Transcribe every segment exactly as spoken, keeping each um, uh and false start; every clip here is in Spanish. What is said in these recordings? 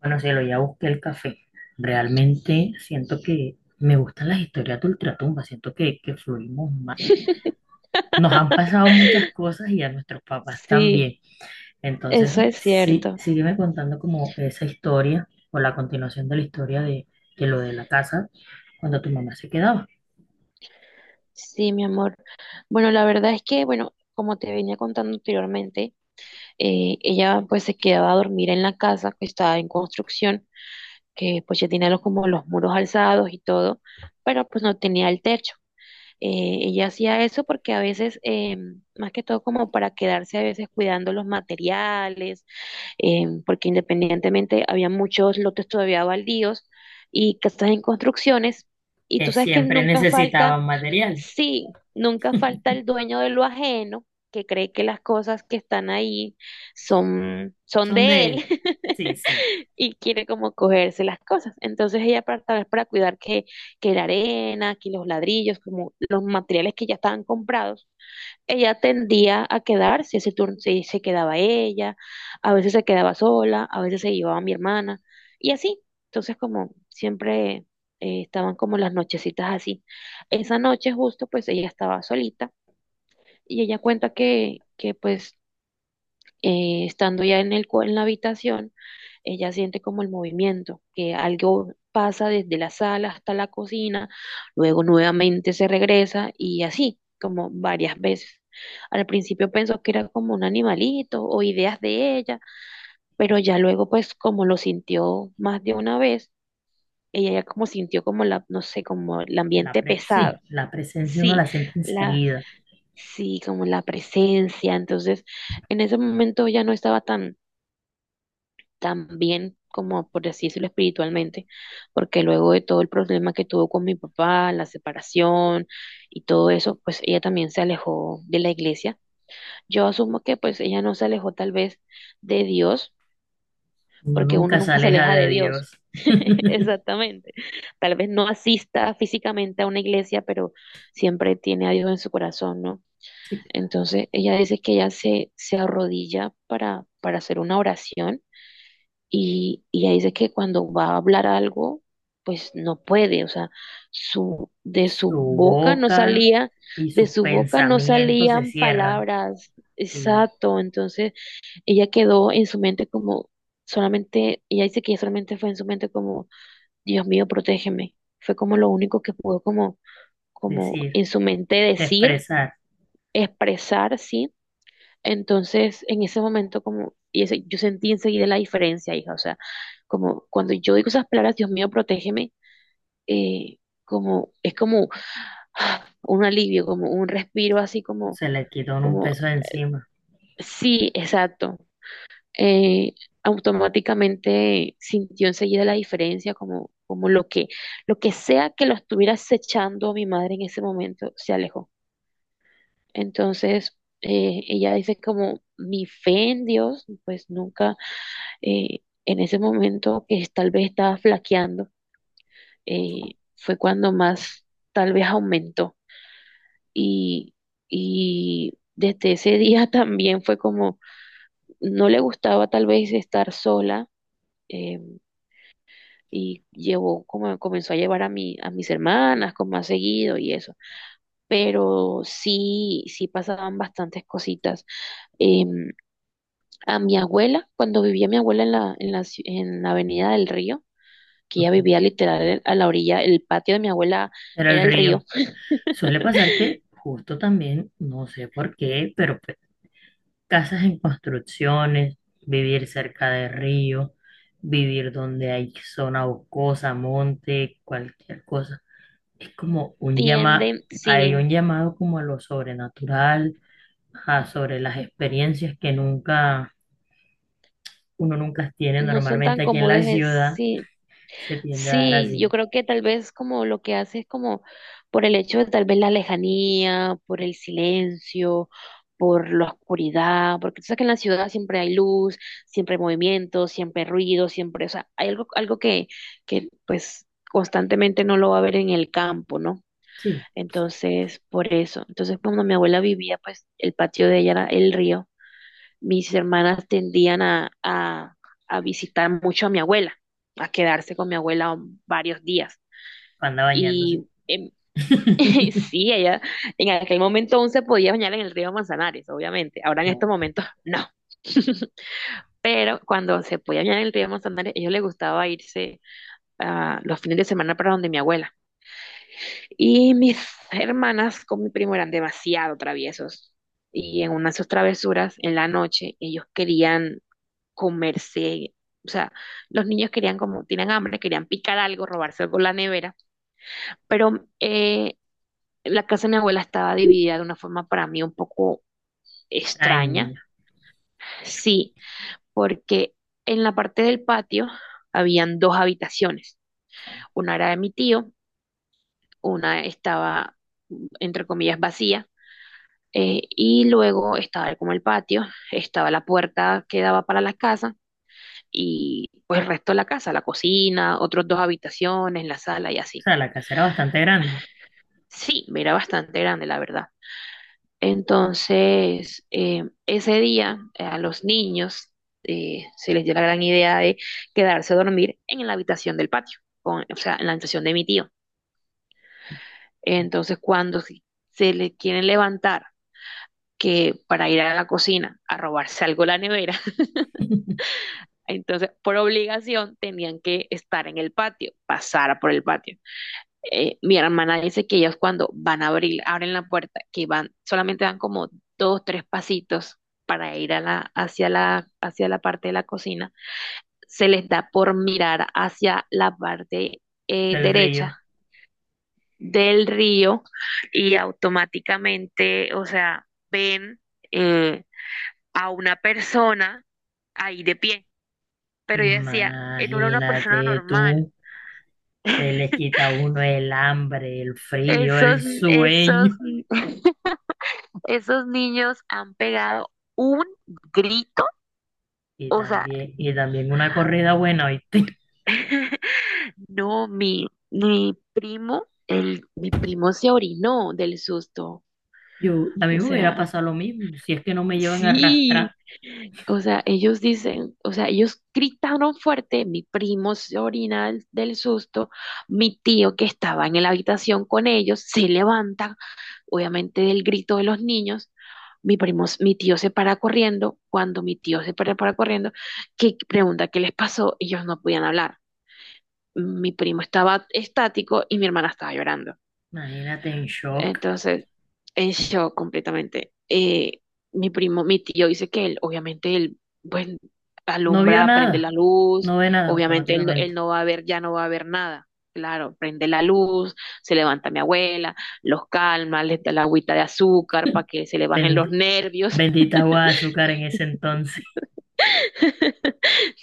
Bueno, cielo, ya busqué el café. Realmente siento que me gustan las historias de Ultratumba, siento que, que fluimos más. Nos han pasado muchas cosas y a nuestros papás Sí, también. Entonces, eso es sí, cierto. sígueme contando como esa historia o la continuación de la historia de, de lo de la casa cuando tu mamá se quedaba. Sí, mi amor. Bueno, la verdad es que, bueno, como te venía contando anteriormente, eh, ella pues se quedaba a dormir en la casa que estaba en construcción, que pues ya tenía los, como los muros alzados y todo, pero pues no tenía el techo. Eh, ella hacía eso porque a veces, eh, más que todo como para quedarse a veces cuidando los materiales eh, porque independientemente había muchos lotes todavía baldíos y casas en construcciones, y tú Que sabes que siempre nunca falta, necesitaban material. sí, nunca falta el dueño de lo ajeno que cree que las cosas que están ahí son, son Son de de él él. Sí, sí. y quiere como cogerse las cosas. Entonces ella para, tal vez para cuidar que, que la arena, que los ladrillos, como los materiales que ya estaban comprados, ella tendía a quedarse, ese turno se, se quedaba ella, a veces se quedaba sola, a veces se llevaba a mi hermana, y así. Entonces, como siempre eh, estaban como las nochecitas así. Esa noche justo, pues ella estaba solita y ella cuenta que, que pues eh, estando ya en el, cua- en la habitación, ella siente como el movimiento, que algo pasa desde la sala hasta la cocina, luego nuevamente se regresa y así, como varias veces. Al principio pensó que era como un animalito o ideas de ella, pero ya luego pues como lo sintió más de una vez, ella ya como sintió como la, no sé, como el La ambiente pre- pesado. Sí, la presencia uno Sí, la siente la, enseguida. sí, como la presencia. Entonces, en ese momento ya no estaba tan también como por así decirlo espiritualmente, porque luego de todo el problema que tuvo con mi papá, la separación y todo eso, pues ella también se alejó de la iglesia. Yo asumo que pues ella no se alejó tal vez de Dios, Uno porque uno nunca se nunca se aleja aleja de de Dios. Dios. Exactamente. Tal vez no asista físicamente a una iglesia, pero siempre tiene a Dios en su corazón, ¿no? Sí. Entonces ella dice que ella se, se arrodilla para, para hacer una oración y, y ella dice que cuando va a hablar algo, pues no puede, o sea, su, de Su su boca no boca salía, y de sus su boca no pensamientos se salían cierran, palabras, sin exacto, entonces ella quedó en su mente como solamente, ella dice que solamente fue en su mente como, Dios mío, protégeme, fue como lo único que pudo como, como decir, en su mente decir, expresar. expresar, sí entonces, en ese momento, como, y ese- yo sentí enseguida la diferencia, hija, o sea, como cuando yo digo esas palabras, Dios mío, protégeme, eh, como, es como ah, un alivio, como un respiro, así como, Se le quitó un como, peso de encima. sí, exacto. Eh, automáticamente sintió enseguida la diferencia, como, como lo que, lo que sea que lo estuviera acechando a mi madre en ese momento, se alejó. Entonces, eh, ella dice como, mi fe en Dios, pues nunca eh, en ese momento que es- tal vez estaba flaqueando, eh, fue cuando más tal vez aumentó. Y, y desde ese día también fue como, no le gustaba tal vez estar sola. eh, y llevó, como comenzó a llevar a mi, a mis hermanas, como más seguido y eso. Pero sí, sí pasaban bastantes cositas. Em, a mi abuela, cuando vivía mi abuela en la, en la ci- en la Avenida del Río, que ella Ujú. vivía literal a la orilla, el patio de mi abuela Era el era el río. río, Suele pasar que justo también, no sé por qué, pero pe- casas en construcciones, vivir cerca de río, vivir donde hay zona boscosa, monte, cualquier cosa. Es como un llama, tienden, hay sí, un llamado como a lo sobrenatural, ajá, sobre las experiencias que nunca, uno nunca tiene no son tan normalmente aquí en cómodos, la es- ciudad, sí, se tiende a dar sí, yo así. creo que tal vez como lo que hace es como por el hecho de tal vez la lejanía, por el silencio, por la oscuridad, porque tú sabes que en la ciudad siempre hay luz, siempre hay movimiento, siempre hay ruido, siempre, o sea, hay algo, algo que, que pues constantemente no lo va a ver en el campo, ¿no? Sí, Entonces, por eso. Entonces, cuando mi abuela vivía, pues el patio de ella era el río. Mis hermanas tendían a, a, a visitar mucho a mi abuela, a quedarse con mi abuela varios días. panda bañándose. Y em, sí, ella en aquel momento aún se podía bañar en el río Manzanares, obviamente. Ahora en No, estos momentos, no. Pero cuando se podía bañar en el río Manzanares, a ellos les gustaba irse ah, los fines de semana para donde mi abuela. Y mis hermanas con mi primo eran demasiado traviesos. Y en una de sus travesuras, en la noche, ellos querían comerse, o sea, los niños querían como, tienen hambre, querían picar algo, robarse algo de la nevera. Pero eh, la casa de mi abuela estaba dividida de una forma para mí un poco extraña. extraña. Sí, porque en la parte del patio habían dos habitaciones. Una era de mi tío, una estaba, entre comillas, vacía. Eh, y luego estaba como el patio, estaba la puerta que daba para la casa y pues el resto de la casa, la cocina, otros dos habitaciones, la sala y O así. sea, la casa era bastante grande Sí, mira, bastante grande, la verdad. Entonces, eh, ese día eh, a los niños eh, se les dio la gran idea de quedarse a dormir en la habitación del patio, con- o sea, en la habitación de mi tío. Entonces, cuando se se le quieren levantar que para ir a la cocina a robarse algo de la nevera, entonces, por obligación, tenían que estar en el patio, pasar por el patio. Eh, mi hermana dice que ellos cuando van a abrir, abren la puerta, que van, solamente dan como dos, tres pasitos para ir a la, hacia la, hacia la parte de la cocina, se les da por mirar hacia la parte eh, del río. derecha del río y automáticamente, o sea, ven eh, a una persona ahí de pie pero yo decía, eh, no era una persona Imagínate normal. tú, se les quita a uno el hambre, el frío, Esos, el esos, sueño esos niños han pegado un grito, y o sea, también, y también una corrida buena, ¿oíste? no, mi, mi primo, el, mi primo se orinó del susto, Yo, a mí o me hubiera sea. pasado lo mismo, si es que no me llevan a Sí, arrastrar. o sea, ellos dicen, o sea, ellos gritaron fuerte, mi primo se orina del, del susto, mi tío que estaba en la habitación con ellos se levanta, obviamente del grito de los niños, mi primo, s- mi tío se para corriendo, cuando mi tío se para, para corriendo, que pregunta qué les pasó, ellos no podían hablar, mi primo estaba estático y mi hermana estaba llorando. Imagínate en shock. Entonces, en shock completamente. Eh, mi primo, mi tío dice que él, obviamente, él, pues, No vio alumbra, prende nada. la luz, No ve nada obviamente él no, él automáticamente. no va a ver, ya no va a ver nada. Claro, prende la luz, se levanta mi abuela, los calma, les da la agüita de azúcar para que se le bajen los Bendi- nervios. bendita agua de azúcar en ese entonces,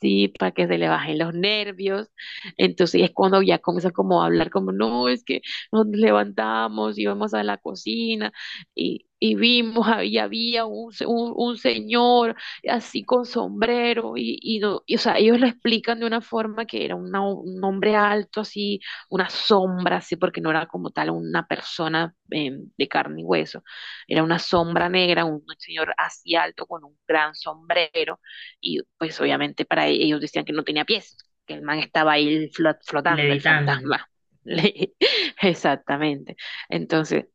Sí, para que se le bajen los nervios. Entonces es cuando ya comienza como a hablar como, no, es que nos levantamos, íbamos a la cocina y, y vimos, y había un, se- un, un señor así con sombrero y, y, no, y, o sea, ellos lo explican de una forma que era una, un hombre alto así, una sombra así, porque no era como tal una persona eh, de carne y hueso, era una sombra negra, un señor así alto con un gran sombrero y pues obviamente para e- ellos decían que no tenía pies, que el man estaba ahí flot- flotando, el levitando. fantasma. Le- Exactamente. Entonces,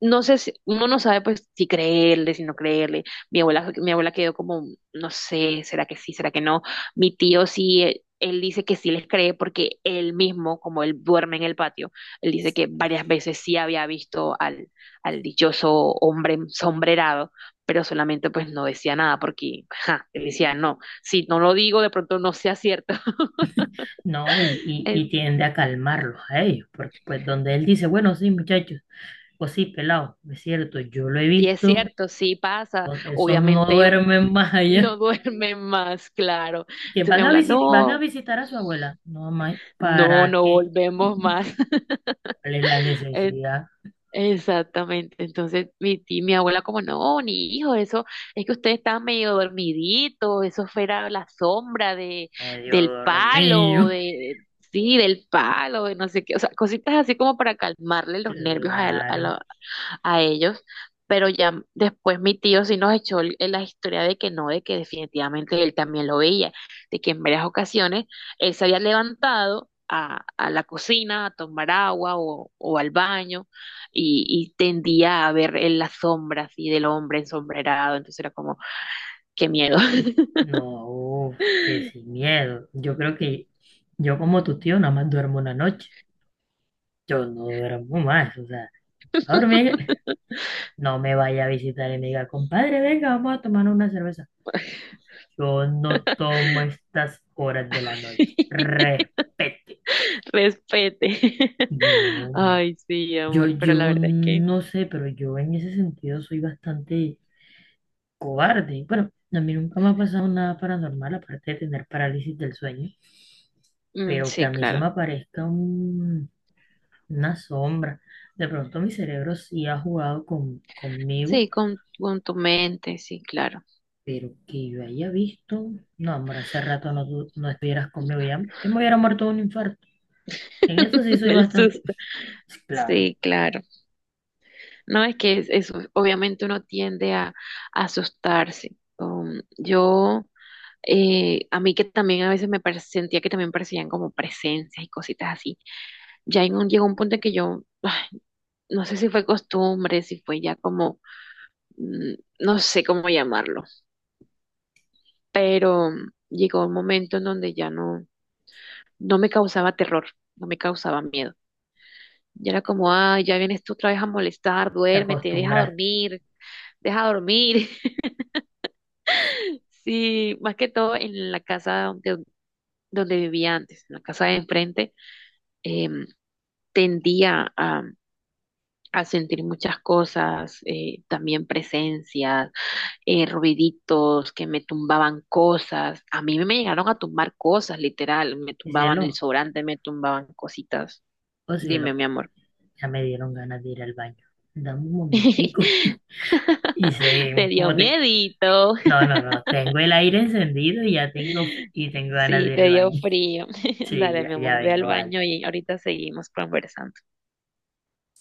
no sé si uno no sabe pues si creerle, si no creerle. Mi abuela, mi abuela quedó como, no sé, será que sí, será que no. Mi tío sí, él, él dice que sí les cree porque él mismo, como él duerme en el patio, él dice que varias veces sí había visto al, al dichoso hombre sombrerado, pero solamente pues no decía nada porque, ja, él decía, no, si no lo digo de pronto no sea cierto. No, y, y, y En- tiende a calmarlos a ellos, porque pues donde él dice, bueno, sí, muchachos, pues sí, pelado, es cierto, yo lo he Sí, es visto, cierto, sí pasa. son- esos no Obviamente, duermen más allá, no duerme más, claro. que Entonces mi van a abuela, visit, van a no, visitar a su abuela, no más, no, ¿para no qué? volvemos más. ¿Cuál es la Eh, necesidad? exactamente. Entonces mi tía, mi abuela como, no, ni hijo, eso es que usted está medio dormidito, eso fuera la sombra de, Medio del palo, dormido, de, sí, del palo, de no sé qué, o sea, cositas así como para calmarle los nervios a, claro. a ellos, pero ya después mi tío sí nos echó el- la historia de que no, de que definitivamente él también lo veía, de que en varias ocasiones él se había levantado a, a la cocina a tomar agua o, o al baño y, y tendía a ver en las sombras y del hombre ensombrerado, entonces era como, qué miedo. No, uf, que sin miedo. Yo creo que yo como tu tío nada más duermo una noche. Yo no duermo más, o sea, a dormir. No me vaya a visitar y me diga, compadre, venga, vamos a tomar una cerveza. Yo no tomo estas horas de la noche. Respete. Respete. No, man. Ay, sí, Yo, amor, pero la yo verdad es que, no sé, pero yo en ese sentido soy bastante cobarde. Bueno, a mí nunca me ha pasado nada paranormal, aparte de tener parálisis del sueño, mm, pero que a sí, mí se claro. me aparezca un- una sombra. De pronto mi cerebro sí ha jugado con, conmigo, Sí, con, con tu mente, sí, claro. pero que yo haya visto, no, amor, hace rato no, tu- no estuvieras conmigo, ya, yo me hubiera muerto de un infarto. En eso sí soy Del bastante, susto. claro, Sí, claro. No es que es eso, obviamente uno tiende a, a asustarse. Um, yo, eh, a mí que también a veces me pare- sentía que también parecían como presencias y cositas así. Ya en un, llegó un punto en que yo, ay, no sé si fue costumbre, si fue ya como, mm, no sé cómo llamarlo, pero llegó un momento en donde ya no, no me causaba terror, no me causaba miedo. Yo era como, ay, ya vienes tú otra vez a molestar, te duérmete, deja acostumbraste. dormir, deja dormir. Sí, más que todo en la casa donde, donde vivía antes, en la casa de enfrente, em, tendía a, a sentir muchas cosas, eh, también presencias, eh, ruiditos que me tumbaban cosas. A mí me llegaron a tumbar cosas, literal, me Y tumbaban el cielo, sobrante, me tumbaban cositas. oh cielo, Dime, mi amor. ya me dieron ganas de ir al baño. Dame un momentico y Te seguimos. dio Como te miedito. No, no, no. Tengo el aire encendido y ya tengo, y tengo ganas Sí, de ir te al dio baño. frío. Sí, Dale, ya, mi ya amor, ve al vengo, baño vale. y ahorita seguimos conversando.